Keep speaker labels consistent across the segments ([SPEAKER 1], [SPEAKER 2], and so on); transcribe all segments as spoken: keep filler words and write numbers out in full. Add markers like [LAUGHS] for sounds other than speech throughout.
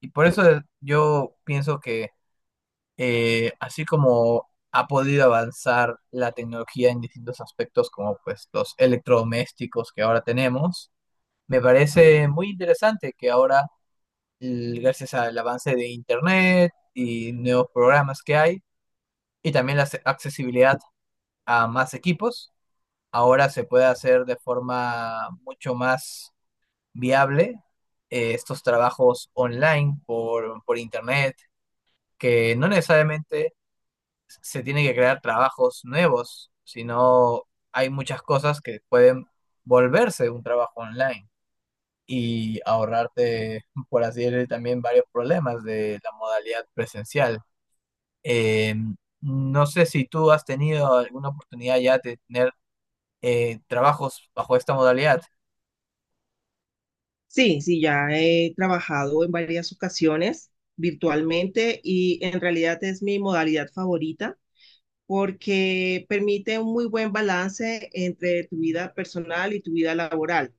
[SPEAKER 1] Y por eso yo pienso que eh, así como ha podido avanzar la tecnología en distintos aspectos, como pues los electrodomésticos que ahora tenemos, me parece muy interesante que ahora, l- gracias al avance de Internet y nuevos programas que hay, y también la ac- accesibilidad a más equipos, ahora se puede hacer de forma mucho más viable eh, estos trabajos online por, por Internet, que no necesariamente se tiene que crear trabajos nuevos, sino hay muchas cosas que pueden volverse un trabajo online y ahorrarte, por así decirlo, también varios problemas de la modalidad presencial. Eh, no sé si tú has tenido alguna oportunidad ya de tener eh, trabajos bajo esta modalidad.
[SPEAKER 2] Sí, sí, ya he trabajado en varias ocasiones virtualmente y en realidad es mi modalidad favorita porque permite un muy buen balance entre tu vida personal y tu vida laboral,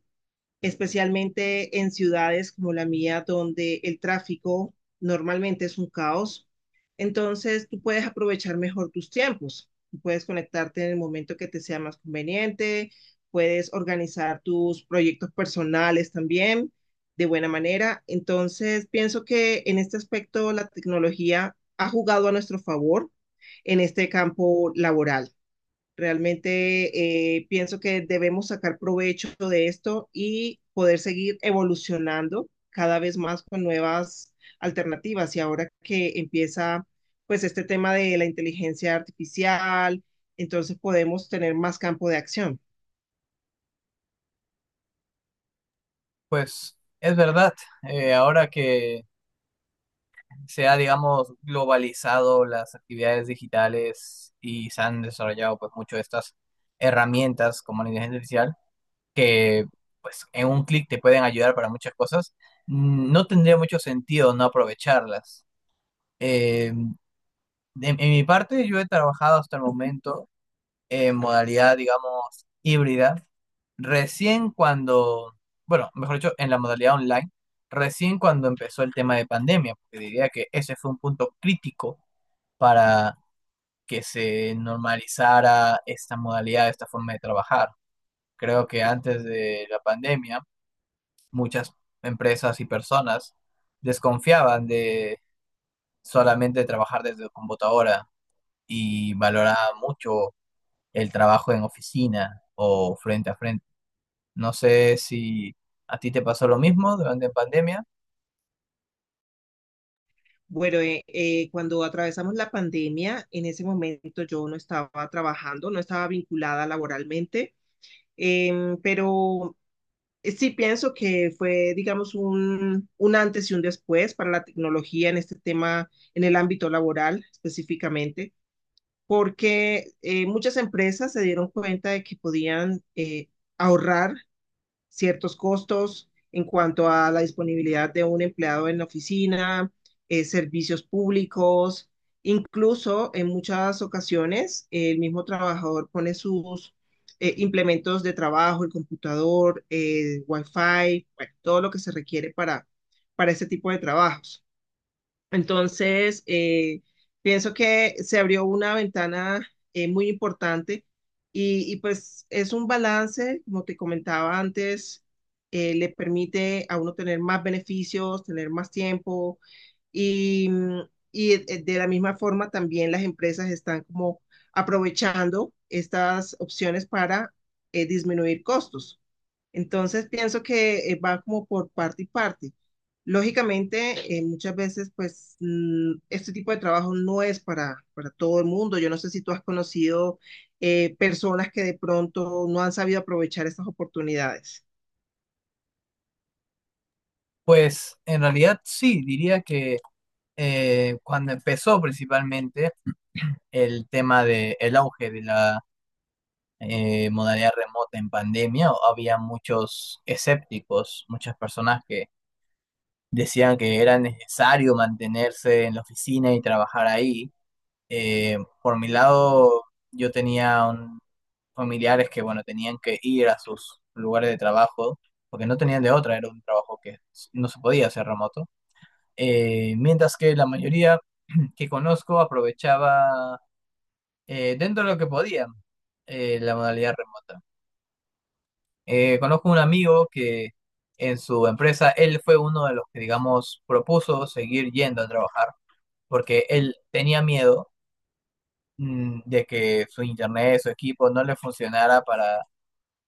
[SPEAKER 2] especialmente en ciudades como la mía, donde el tráfico normalmente es un caos. Entonces, tú puedes aprovechar mejor tus tiempos. Tú puedes conectarte en el momento que te sea más conveniente, puedes organizar tus proyectos personales también de buena manera. Entonces, pienso que en este aspecto la tecnología ha jugado a nuestro favor en este campo laboral. Realmente eh, pienso que debemos sacar provecho de esto y poder seguir evolucionando cada vez más con nuevas alternativas. Y ahora que empieza pues este tema de la inteligencia artificial, entonces podemos tener más campo de acción.
[SPEAKER 1] Pues es verdad, eh, ahora que se ha, digamos, globalizado las actividades digitales y se han desarrollado pues mucho estas herramientas como la inteligencia artificial que pues en un clic te pueden ayudar para muchas cosas, mm, no tendría mucho sentido no aprovecharlas. Eh, de- en mi parte, yo he trabajado hasta el momento en modalidad, digamos, híbrida. Recién cuando, bueno, mejor dicho, en la modalidad online, recién cuando empezó el tema de pandemia, porque diría que ese fue un punto crítico para que se normalizara esta modalidad, esta forma de trabajar. Creo que antes de la pandemia, muchas empresas y personas desconfiaban de solamente trabajar desde computadora y valoraban mucho el trabajo en oficina o frente a frente. No sé si a ti te pasó lo mismo durante la pandemia.
[SPEAKER 2] Bueno, eh, eh, cuando atravesamos la pandemia, en ese momento yo no estaba trabajando, no estaba vinculada laboralmente, em, pero sí pienso que fue, digamos, un, un antes y un después para la tecnología en este tema, en el ámbito laboral específicamente, porque eh, muchas empresas se dieron cuenta de que podían eh, ahorrar ciertos costos en cuanto a la disponibilidad de un empleado en la oficina, eh, servicios públicos, incluso en muchas ocasiones el mismo trabajador pone sus eh, implementos de trabajo, el computador, el wifi, bueno, todo lo que se requiere para, para este tipo de trabajos. Entonces, eh, pienso que se abrió una ventana eh, muy importante y, y, pues es un balance, como te comentaba antes, eh, le permite a uno tener más beneficios, tener más tiempo y, mm, y eh, de la misma forma también las empresas están como aprovechando estas opciones para eh, disminuir costos. Entonces pienso que eh, va como por parte y parte. Lógicamente, eh, muchas veces, pues, mm, este tipo de trabajo no es para, para todo el mundo. Yo no sé si tú has conocido eh, personas que de pronto no han sabido aprovechar estas oportunidades.
[SPEAKER 1] Pues en realidad sí, diría que eh, cuando empezó principalmente el tema del auge de la eh, modalidad remota en pandemia, había muchos escépticos, muchas personas que decían que era necesario mantenerse en la oficina y trabajar ahí. Eh, por mi lado, yo tenía un- familiares que, bueno, tenían que ir a sus lugares de trabajo porque no tenían de otra, era un trabajo que s- no se podía hacer remoto. Eh, mientras que la mayoría que conozco aprovechaba, eh, dentro de lo que podían, eh, la modalidad remota. Eh, conozco un amigo que en su empresa, él fue uno de los que, digamos, propuso seguir yendo a trabajar, porque él tenía miedo, mm, de que su internet, su equipo no le funcionara para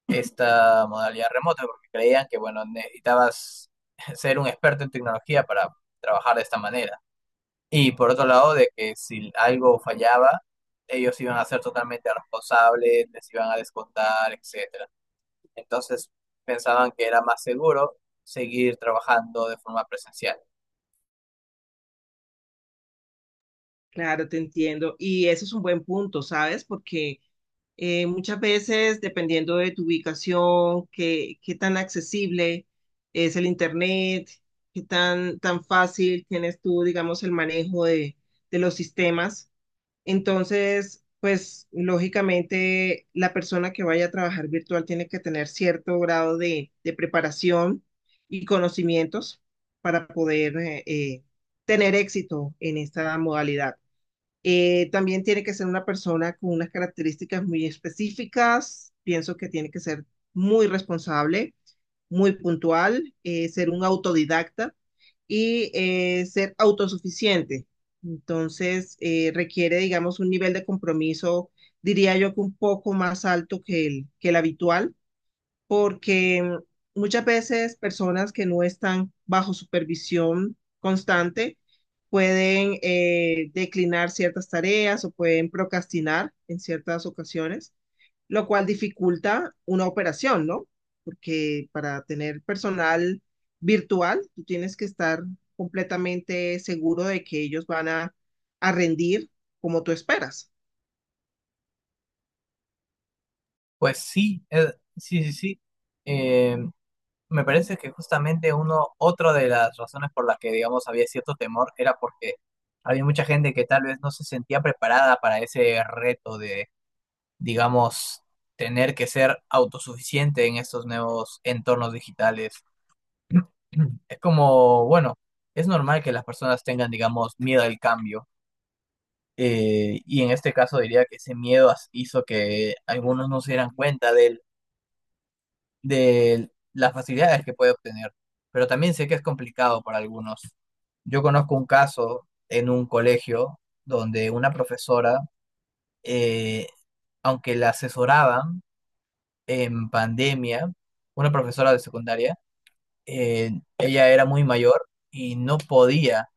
[SPEAKER 1] esta modalidad remota, porque creían que, bueno, necesitabas [LAUGHS] ser un experto en tecnología para trabajar de esta manera. Y por otro lado, de que si algo fallaba, ellos iban a ser totalmente responsables, les iban a descontar, etcétera. Entonces pensaban que era más seguro seguir trabajando de forma presencial.
[SPEAKER 2] Claro, te entiendo. Y eso es un buen punto, ¿sabes? Porque eh, muchas veces, dependiendo de tu ubicación, qué, qué tan accesible es el internet, qué tan, tan fácil tienes tú, digamos, el manejo de, de los sistemas. Entonces, pues lógicamente la persona que vaya a trabajar virtual tiene que tener cierto grado de, de preparación y conocimientos para poder eh, eh, tener éxito en esta modalidad. Eh, también tiene que ser una persona con unas características muy específicas. Pienso que tiene que ser muy responsable, muy puntual, eh, ser un autodidacta y eh, ser autosuficiente. Entonces, eh, requiere, digamos, un nivel de compromiso, diría yo que un poco más alto que el, que el habitual porque mm, muchas veces personas que no están bajo supervisión constante pueden eh, declinar ciertas tareas o pueden procrastinar en ciertas ocasiones, lo cual dificulta una operación, ¿no? Porque para tener personal virtual, tú tienes que estar completamente seguro de que ellos van a, a rendir como tú esperas.
[SPEAKER 1] Pues sí, eh, sí, sí, sí. Eh, Me parece que justamente uno, otra de las razones por las que, digamos, había cierto temor era porque había mucha gente que tal vez no se sentía preparada para ese reto de, digamos, tener que ser autosuficiente en estos nuevos entornos digitales. [CLEARS THROAT] Es como, bueno, es normal que las personas tengan, digamos, miedo al cambio. Eh, y en este caso diría que ese miedo as- hizo que algunos no se dieran cuenta del- de las facilidades que puede obtener. Pero también sé que es complicado para algunos. Yo conozco un caso en un colegio donde una profesora, eh, aunque la asesoraban en pandemia, una profesora de secundaria, eh, ella era muy mayor y no podía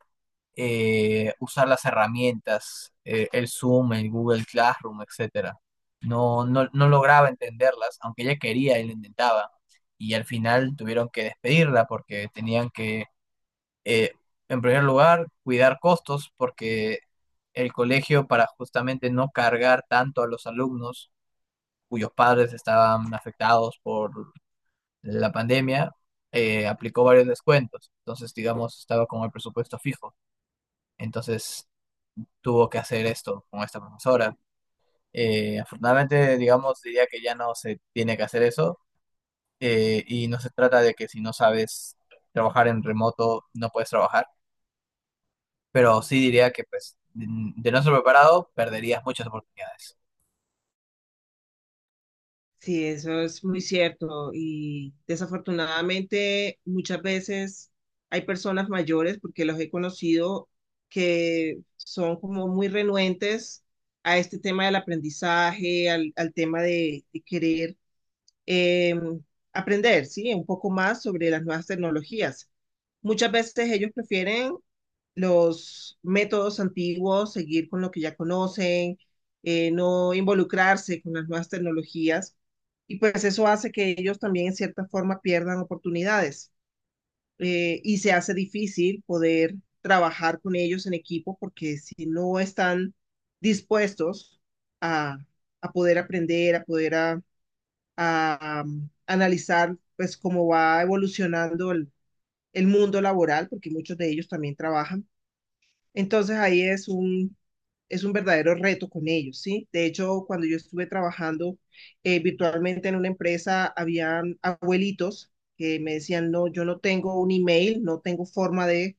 [SPEAKER 1] eh, usar las herramientas, eh, el Zoom, el Google Classroom, etcétera. No, no, no lograba entenderlas, aunque ella quería y lo intentaba. Y al final tuvieron que despedirla porque tenían que, eh, en primer lugar, cuidar costos porque el colegio, para justamente no cargar tanto a los alumnos cuyos padres estaban afectados por la pandemia, eh, aplicó varios descuentos. Entonces, digamos, estaba con el presupuesto fijo. Entonces, tuvo que hacer esto con esta profesora. Eh, afortunadamente, digamos, diría que ya no se tiene que hacer eso, eh, y no se trata de que si no sabes trabajar en remoto no puedes trabajar, pero sí diría que pues de de no ser preparado perderías muchas oportunidades.
[SPEAKER 2] Sí, eso es muy cierto y desafortunadamente muchas veces hay personas mayores, porque los he conocido, que son como muy renuentes a este tema del aprendizaje, al, al tema de, de querer eh, aprender, ¿sí? Un poco más sobre las nuevas tecnologías. Muchas veces ellos prefieren los métodos antiguos, seguir con lo que ya conocen, eh, no involucrarse con las nuevas tecnologías. Y pues eso hace que ellos también en cierta forma pierdan oportunidades. Eh, y se hace difícil poder trabajar con ellos en equipo porque si no están dispuestos a, a poder aprender, a poder a- a, um, analizar pues cómo va evolucionando el, el mundo laboral, porque muchos de ellos también trabajan. Entonces ahí es un, es un verdadero reto con ellos, ¿sí? De hecho, cuando yo estuve trabajando eh, virtualmente en una empresa, habían abuelitos que me decían, no, yo no tengo un email, no tengo forma de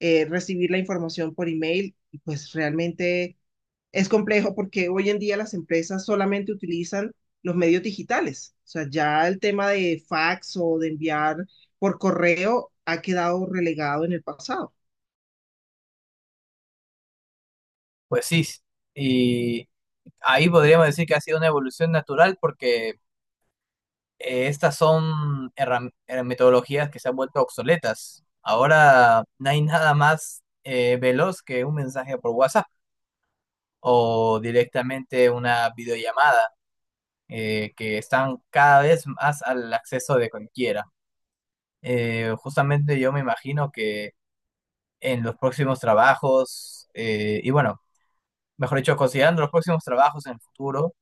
[SPEAKER 2] eh, recibir la información por email. Y pues realmente es complejo porque hoy en día las empresas solamente utilizan los medios digitales. O sea, ya el tema de fax o de enviar por correo ha quedado relegado en el pasado.
[SPEAKER 1] Pues sí, y ahí podríamos decir que ha sido una evolución natural porque eh, estas son herram- eh, metodologías que se han vuelto obsoletas. Ahora no hay nada más eh, veloz que un mensaje por WhatsApp, o directamente una videollamada, eh, que están cada vez más al acceso de cualquiera. Eh, justamente yo me imagino que en los próximos trabajos, eh, y bueno, mejor dicho, considerando los próximos trabajos en el futuro,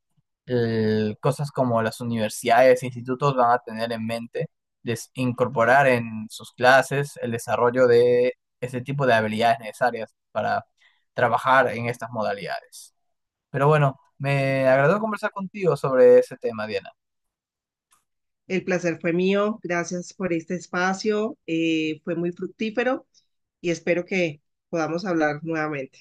[SPEAKER 1] el- cosas como las universidades e institutos van a tener en mente des- incorporar en sus clases el desarrollo de ese tipo de habilidades necesarias para trabajar en estas modalidades. Pero bueno, me agradó conversar contigo sobre ese tema, Diana.
[SPEAKER 2] El placer fue mío. Gracias por este espacio. Eh, fue muy fructífero y espero que podamos hablar nuevamente.